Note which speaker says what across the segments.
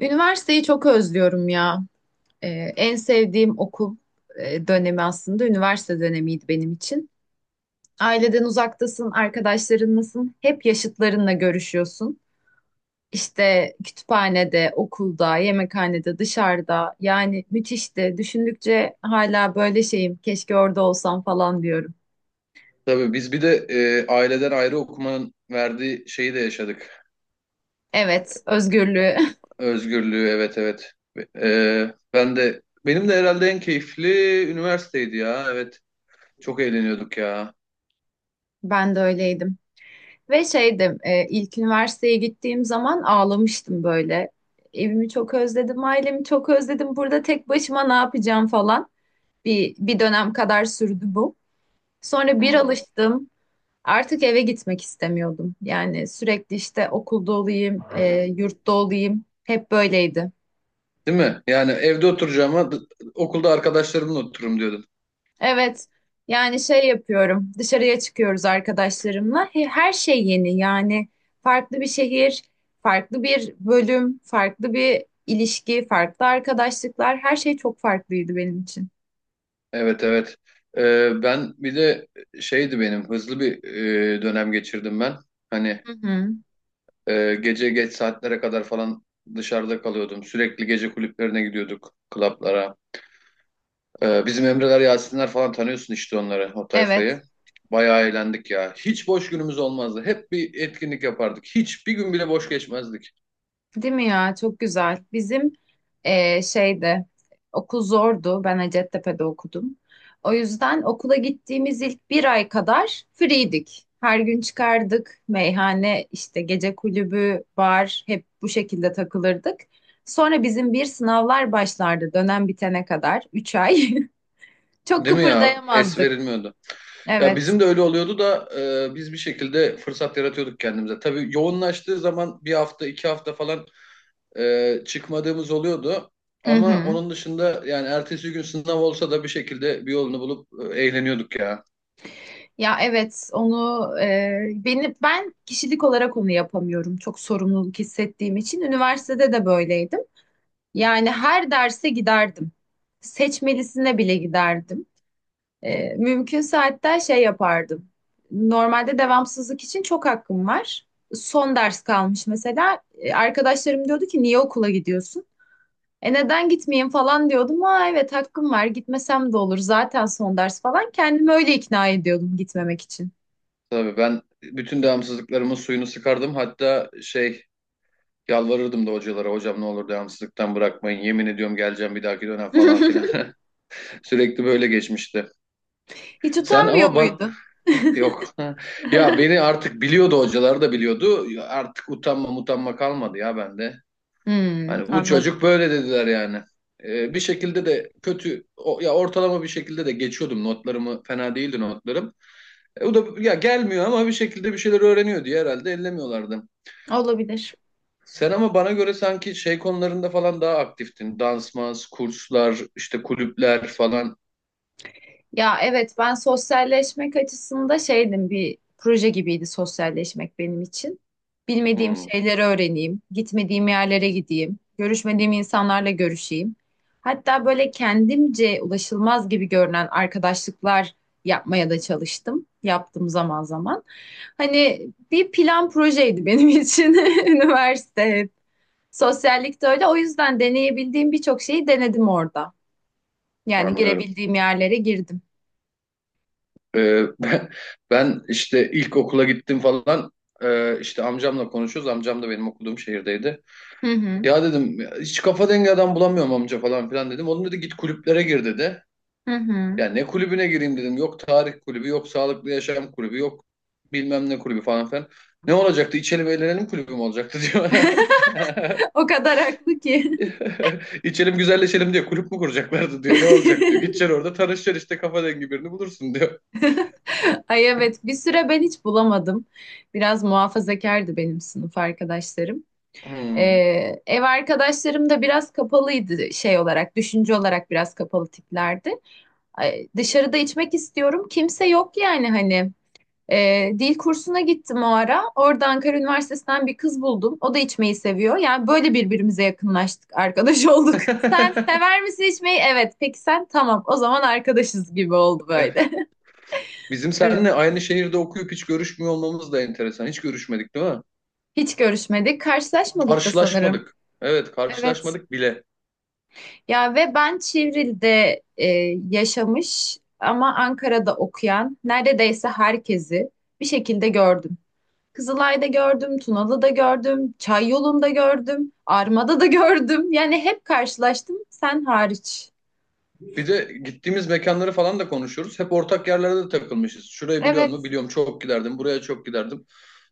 Speaker 1: Üniversiteyi çok özlüyorum ya. Ee, en sevdiğim okul dönemi aslında üniversite dönemiydi benim için. Aileden uzaktasın, arkadaşlarınlasın, hep yaşıtlarınla görüşüyorsun. İşte kütüphanede, okulda, yemekhanede, dışarıda. Yani müthişti. Düşündükçe hala böyle şeyim. Keşke orada olsam falan diyorum.
Speaker 2: Tabii biz bir de aileden ayrı okumanın verdiği şeyi de yaşadık.
Speaker 1: Evet, özgürlüğü.
Speaker 2: Özgürlüğü, evet, evet. Benim de herhalde en keyifli üniversiteydi ya. Evet. Çok eğleniyorduk ya.
Speaker 1: Ben de öyleydim. Ve şeydim ilk üniversiteye gittiğim zaman ağlamıştım böyle. Evimi çok özledim, ailemi çok özledim. Burada tek başıma ne yapacağım falan. Bir dönem kadar sürdü bu. Sonra bir
Speaker 2: Hmm.
Speaker 1: alıştım. Artık eve gitmek istemiyordum. Yani sürekli işte okulda olayım, yurtta olayım. Hep böyleydi.
Speaker 2: Değil mi? Yani evde oturacağıma okulda arkadaşlarımla otururum diyordum.
Speaker 1: Evet. Yani şey yapıyorum. Dışarıya çıkıyoruz arkadaşlarımla. Her şey yeni. Yani farklı bir şehir, farklı bir bölüm, farklı bir ilişki, farklı arkadaşlıklar. Her şey çok farklıydı benim için.
Speaker 2: Evet, evet. Ben bir de şeydi benim hızlı bir dönem geçirdim ben. Hani
Speaker 1: Hı hı.
Speaker 2: gece geç saatlere kadar falan dışarıda kalıyordum. Sürekli gece kulüplerine gidiyorduk, klaplara. Bizim Emreler, Yasinler falan tanıyorsun işte onları, o
Speaker 1: Evet.
Speaker 2: tayfayı. Bayağı eğlendik ya. Hiç boş günümüz olmazdı. Hep bir etkinlik yapardık. Hiç bir gün bile boş geçmezdik.
Speaker 1: Değil mi ya? Çok güzel. Bizim şeyde okul zordu. Ben Hacettepe'de okudum. O yüzden okula gittiğimiz ilk bir ay kadar free'dik. Her gün çıkardık. Meyhane, işte gece kulübü, bar hep bu şekilde takılırdık. Sonra bizim bir sınavlar başlardı dönem bitene kadar. 3 ay. Çok
Speaker 2: Değil mi ya? Es
Speaker 1: kıpırdayamazdık.
Speaker 2: verilmiyordu. Ya
Speaker 1: Evet.
Speaker 2: bizim de öyle oluyordu da biz bir şekilde fırsat yaratıyorduk kendimize. Tabii yoğunlaştığı zaman bir hafta, iki hafta falan çıkmadığımız oluyordu.
Speaker 1: Hı
Speaker 2: Ama
Speaker 1: hı.
Speaker 2: onun dışında yani ertesi gün sınav olsa da bir şekilde bir yolunu bulup eğleniyorduk ya.
Speaker 1: Ya evet onu ben kişilik olarak onu yapamıyorum, çok sorumluluk hissettiğim için üniversitede de böyleydim. Yani her derse giderdim. Seçmelisine bile giderdim. Mümkünse hatta şey yapardım. Normalde devamsızlık için çok hakkım var. Son ders kalmış mesela. Arkadaşlarım diyordu ki niye okula gidiyorsun? Neden gitmeyeyim falan diyordum. Aa evet, hakkım var, gitmesem de olur zaten son ders falan. Kendimi öyle ikna ediyordum gitmemek için.
Speaker 2: Tabii ben bütün devamsızlıklarımın suyunu sıkardım. Hatta şey yalvarırdım da hocalara, hocam ne olur devamsızlıktan bırakmayın, yemin ediyorum geleceğim bir dahaki dönem falan filan. Sürekli böyle geçmişti.
Speaker 1: Hiç
Speaker 2: Sen
Speaker 1: utanmıyor
Speaker 2: ama ben
Speaker 1: muydun?
Speaker 2: yok. Ya beni artık biliyordu, hocalar da biliyordu. Artık utanma utanma kalmadı ya bende.
Speaker 1: Hmm,
Speaker 2: Hani bu çocuk
Speaker 1: anladım.
Speaker 2: böyle dediler yani. Bir şekilde de kötü ya ortalama bir şekilde de geçiyordum, notlarımı fena değildi notlarım. E, o da ya gelmiyor ama bir şekilde bir şeyler öğreniyor diye herhalde ellemiyorlardı.
Speaker 1: Olabilir.
Speaker 2: Sen ama bana göre sanki şey konularında falan daha aktiftin. Dansmaz, kurslar, işte kulüpler falan.
Speaker 1: Ya evet, ben sosyalleşmek açısında şeydim, bir proje gibiydi sosyalleşmek benim için. Bilmediğim
Speaker 2: Hmm,
Speaker 1: şeyleri öğreneyim, gitmediğim yerlere gideyim, görüşmediğim insanlarla görüşeyim. Hatta böyle kendimce ulaşılmaz gibi görünen arkadaşlıklar yapmaya da çalıştım. Yaptım zaman zaman. Hani bir plan projeydi benim için üniversite. Sosyallikte öyle. O yüzden deneyebildiğim birçok şeyi denedim orada. Yani
Speaker 2: anlıyorum.
Speaker 1: girebildiğim yerlere girdim.
Speaker 2: Ee, ben, ben işte ilk okula gittim falan. İşte amcamla konuşuyoruz. Amcam da benim okuduğum şehirdeydi.
Speaker 1: Hı hı.
Speaker 2: Ya dedim "ya hiç kafa dengi adam bulamıyorum amca" falan filan dedim. Onun dedi git kulüplere gir dedi.
Speaker 1: Hı hı.
Speaker 2: Ya ne kulübüne gireyim dedim. Yok tarih kulübü, yok sağlıklı yaşam kulübü, yok bilmem ne kulübü falan filan. Ne olacaktı? İçelim eğlenelim kulübü mü olacaktı diyor.
Speaker 1: O kadar haklı ki.
Speaker 2: İçelim güzelleşelim diyor. Kulüp mü kuracaklardı diyor. Ne olacak diyor. Gideceksin orada tanışacaksın işte, kafa dengi birini bulursun diyor.
Speaker 1: Ay evet, bir süre ben hiç bulamadım. Biraz muhafazakardı benim sınıf arkadaşlarım. Ee,
Speaker 2: Hmm.
Speaker 1: ev arkadaşlarım da biraz kapalıydı, şey olarak, düşünce olarak biraz kapalı tiplerdi. Ay, dışarıda içmek istiyorum. Kimse yok yani, hani. Dil kursuna gittim o ara. Orada Ankara Üniversitesi'nden bir kız buldum. O da içmeyi seviyor. Yani böyle birbirimize yakınlaştık, arkadaş olduk. Sen sever misin içmeyi? Evet. Peki sen? Tamam. O zaman arkadaşız gibi oldu
Speaker 2: Eh,
Speaker 1: böyle
Speaker 2: bizim seninle
Speaker 1: aramız.
Speaker 2: aynı şehirde okuyup hiç görüşmüyor olmamız da enteresan. Hiç görüşmedik değil mi?
Speaker 1: Hiç görüşmedik, karşılaşmadık da sanırım.
Speaker 2: Karşılaşmadık. Evet,
Speaker 1: Evet.
Speaker 2: karşılaşmadık bile.
Speaker 1: Ya ve ben Çivril'de yaşamış ama Ankara'da okuyan neredeyse herkesi bir şekilde gördüm. Kızılay'da gördüm, Tunalı'da gördüm, Çayyolu'nda gördüm, Arma'da da gördüm. Yani hep karşılaştım, sen hariç.
Speaker 2: Bir de gittiğimiz mekanları falan da konuşuyoruz. Hep ortak yerlerde de takılmışız. Şurayı biliyor musun?
Speaker 1: Evet,
Speaker 2: Biliyorum, çok giderdim. Buraya çok giderdim.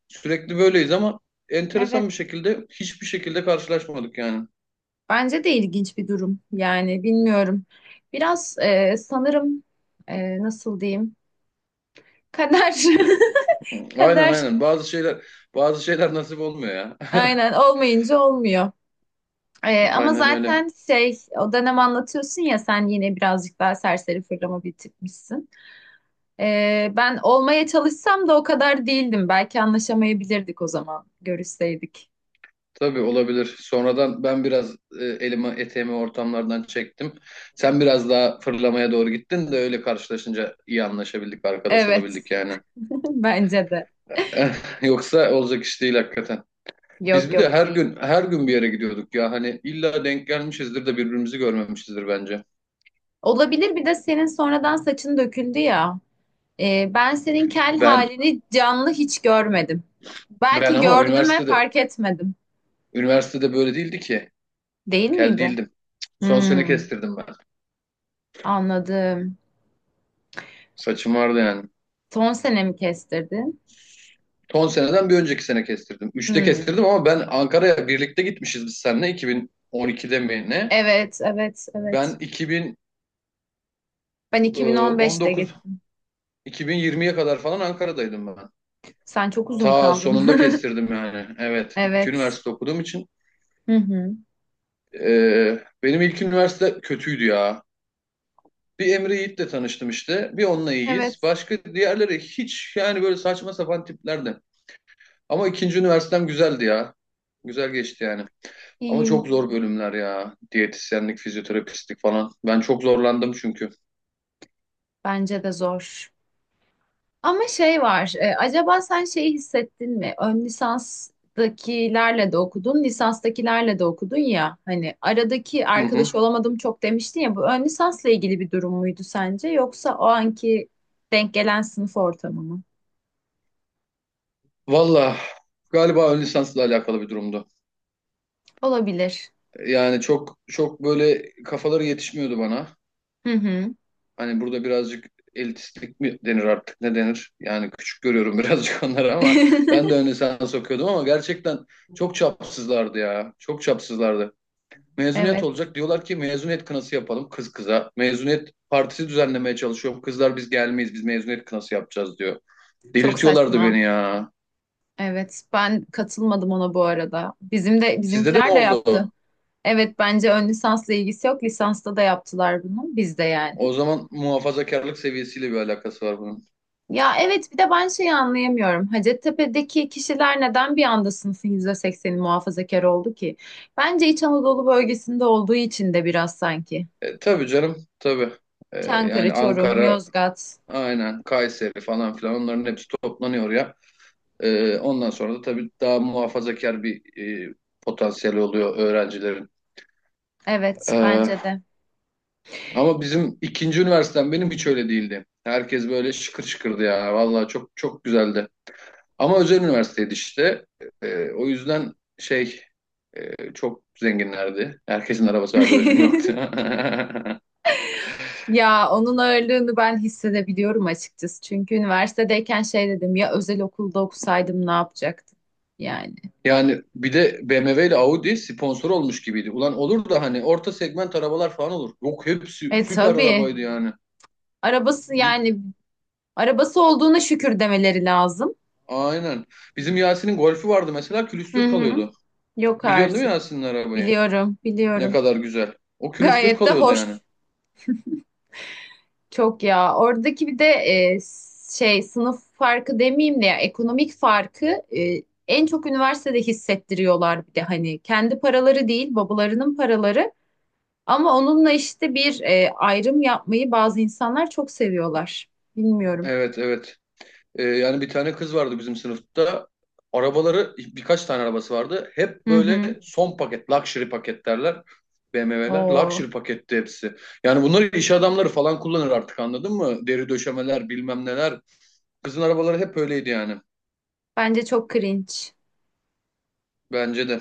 Speaker 2: Sürekli böyleyiz ama enteresan bir
Speaker 1: evet.
Speaker 2: şekilde hiçbir şekilde karşılaşmadık yani.
Speaker 1: Bence de ilginç bir durum. Yani bilmiyorum. Biraz sanırım, nasıl diyeyim? Kader.
Speaker 2: Aynen,
Speaker 1: Kader.
Speaker 2: aynen. Bazı şeyler nasip olmuyor ya.
Speaker 1: Aynen, olmayınca olmuyor. E, ama
Speaker 2: Aynen öyle.
Speaker 1: zaten şey, o dönem anlatıyorsun ya, sen yine birazcık daha serseri fırlama bir tipmişsin. Ben olmaya çalışsam da o kadar değildim. Belki anlaşamayabilirdik o zaman, görüşseydik.
Speaker 2: Tabii olabilir. Sonradan ben biraz elimi eteğimi ortamlardan çektim. Sen biraz daha fırlamaya doğru gittin de öyle karşılaşınca iyi anlaşabildik, arkadaş
Speaker 1: Evet,
Speaker 2: olabildik yani.
Speaker 1: bence de.
Speaker 2: Yoksa olacak iş değil hakikaten. Biz
Speaker 1: Yok,
Speaker 2: bir de
Speaker 1: yok,
Speaker 2: her
Speaker 1: değil.
Speaker 2: gün her gün bir yere gidiyorduk ya. Hani illa denk gelmişizdir de birbirimizi görmemişizdir bence.
Speaker 1: Olabilir, bir de senin sonradan saçın döküldü ya. Ben senin kel
Speaker 2: Ben
Speaker 1: halini canlı hiç görmedim.
Speaker 2: ben
Speaker 1: Belki
Speaker 2: ama
Speaker 1: gördüm ve
Speaker 2: üniversitede
Speaker 1: fark etmedim.
Speaker 2: üniversitede böyle değildi ki.
Speaker 1: Değil
Speaker 2: Kel
Speaker 1: miydi?
Speaker 2: değildim. Son sene
Speaker 1: Hmm,
Speaker 2: kestirdim ben.
Speaker 1: anladım.
Speaker 2: Saçım vardı yani.
Speaker 1: Son sene mi kestirdin?
Speaker 2: Son seneden bir önceki sene kestirdim. Üçte
Speaker 1: Hmm,
Speaker 2: kestirdim ama ben, Ankara'ya birlikte gitmişiz biz seninle 2012'de mi ne?
Speaker 1: evet, evet, evet.
Speaker 2: Ben
Speaker 1: Ben 2015'te
Speaker 2: 2019,
Speaker 1: gittim.
Speaker 2: 2020'ye kadar falan Ankara'daydım ben.
Speaker 1: Sen çok uzun
Speaker 2: Ta
Speaker 1: kaldın.
Speaker 2: sonunda kestirdim yani. Evet, iki
Speaker 1: Evet.
Speaker 2: üniversite okuduğum için
Speaker 1: Hı hı.
Speaker 2: benim ilk üniversite kötüydü ya. Bir Emre Yiğit'le tanıştım işte. Bir onunla iyiyiz.
Speaker 1: Evet.
Speaker 2: Başka diğerleri hiç, yani böyle saçma sapan tiplerdi. Ama ikinci üniversitem güzeldi ya. Güzel geçti yani. Ama
Speaker 1: İyi.
Speaker 2: çok zor bölümler ya. Diyetisyenlik, fizyoterapistlik falan. Ben çok zorlandım çünkü.
Speaker 1: Bence de zor. Ama şey var. Acaba sen şeyi hissettin mi? Ön lisanstakilerle de okudun, lisanstakilerle de okudun ya. Hani aradaki
Speaker 2: Hı hı.
Speaker 1: arkadaş olamadım çok demiştin ya. Bu ön lisansla ilgili bir durum muydu sence? Yoksa o anki denk gelen sınıf ortamı mı?
Speaker 2: Valla galiba ön lisansla alakalı bir durumdu.
Speaker 1: Olabilir.
Speaker 2: Yani çok çok böyle kafaları yetişmiyordu bana.
Speaker 1: Hı hı.
Speaker 2: Hani burada birazcık elitistlik mi denir artık, ne denir? Yani küçük görüyorum birazcık onları ama ben de ön lisans okuyordum ama gerçekten çok çapsızlardı ya. Çok çapsızlardı. Mezuniyet
Speaker 1: Evet.
Speaker 2: olacak. Diyorlar ki mezuniyet kınası yapalım kız kıza. Mezuniyet partisi düzenlemeye çalışıyorum. Kızlar biz gelmeyiz, biz mezuniyet kınası yapacağız diyor.
Speaker 1: Çok
Speaker 2: Delirtiyorlardı
Speaker 1: saçma.
Speaker 2: beni ya.
Speaker 1: Evet. Ben katılmadım ona bu arada. Bizim de
Speaker 2: Sizde de mi
Speaker 1: bizimkiler de yaptı.
Speaker 2: oldu?
Speaker 1: Evet, bence ön lisansla ilgisi yok. Lisansta da yaptılar bunu bizde yani.
Speaker 2: O zaman muhafazakarlık seviyesiyle bir alakası var bunun.
Speaker 1: Ya evet, bir de ben şeyi anlayamıyorum. Hacettepe'deki kişiler neden bir anda sınıfın %80'i muhafazakar oldu ki? Bence İç Anadolu bölgesinde olduğu için de biraz sanki.
Speaker 2: Tabii canım tabii. E, yani
Speaker 1: Çankırı, Çorum,
Speaker 2: Ankara,
Speaker 1: Yozgat.
Speaker 2: aynen Kayseri falan filan, onların hepsi toplanıyor ya. Ondan sonra da tabii daha muhafazakar bir e, potansiyeli oluyor öğrencilerin.
Speaker 1: Evet
Speaker 2: E,
Speaker 1: bence de.
Speaker 2: Ama bizim ikinci üniversitem benim hiç öyle değildi. Herkes böyle şıkır şıkırdı ya. Vallahi çok çok güzeldi. Ama özel üniversiteydi işte. O yüzden şey çok zenginlerdi. Herkesin arabası vardı, benim yoktu.
Speaker 1: Ya onun ağırlığını ben hissedebiliyorum açıkçası. Çünkü üniversitedeyken şey dedim ya, özel okulda okusaydım ne yapacaktım yani.
Speaker 2: Yani bir de BMW ile Audi sponsor olmuş gibiydi. Ulan olur da hani orta segment arabalar falan olur. Yok, hepsi
Speaker 1: E
Speaker 2: süper
Speaker 1: tabii.
Speaker 2: arabaydı yani.
Speaker 1: Arabası
Speaker 2: Bi-
Speaker 1: yani Arabası olduğuna şükür demeleri lazım.
Speaker 2: aynen. Bizim Yasin'in Golf'ü vardı mesela,
Speaker 1: Hı
Speaker 2: külüstür
Speaker 1: hı.
Speaker 2: kalıyordu.
Speaker 1: Yok
Speaker 2: Biliyorsun değil mi
Speaker 1: artık.
Speaker 2: Yasin'in arabayı?
Speaker 1: Biliyorum,
Speaker 2: Ne
Speaker 1: biliyorum.
Speaker 2: kadar güzel. O külüstür
Speaker 1: Gayet de
Speaker 2: kalıyordu yani.
Speaker 1: hoş. Çok ya. Oradaki bir de şey, sınıf farkı demeyeyim de ya, ekonomik farkı en çok üniversitede hissettiriyorlar, bir de hani kendi paraları değil, babalarının paraları, ama onunla işte bir ayrım yapmayı bazı insanlar çok seviyorlar. Bilmiyorum.
Speaker 2: Evet, evet. Yani bir tane kız vardı bizim sınıfta. Arabaları, birkaç tane arabası vardı. Hep
Speaker 1: Hı
Speaker 2: böyle
Speaker 1: hı.
Speaker 2: son paket, luxury paket derler. BMW'ler
Speaker 1: Oo,
Speaker 2: luxury paketti hepsi. Yani bunları iş adamları falan kullanır, artık anladın mı? Deri döşemeler bilmem neler. Kızın arabaları hep öyleydi yani.
Speaker 1: bence çok cringe.
Speaker 2: Bence de.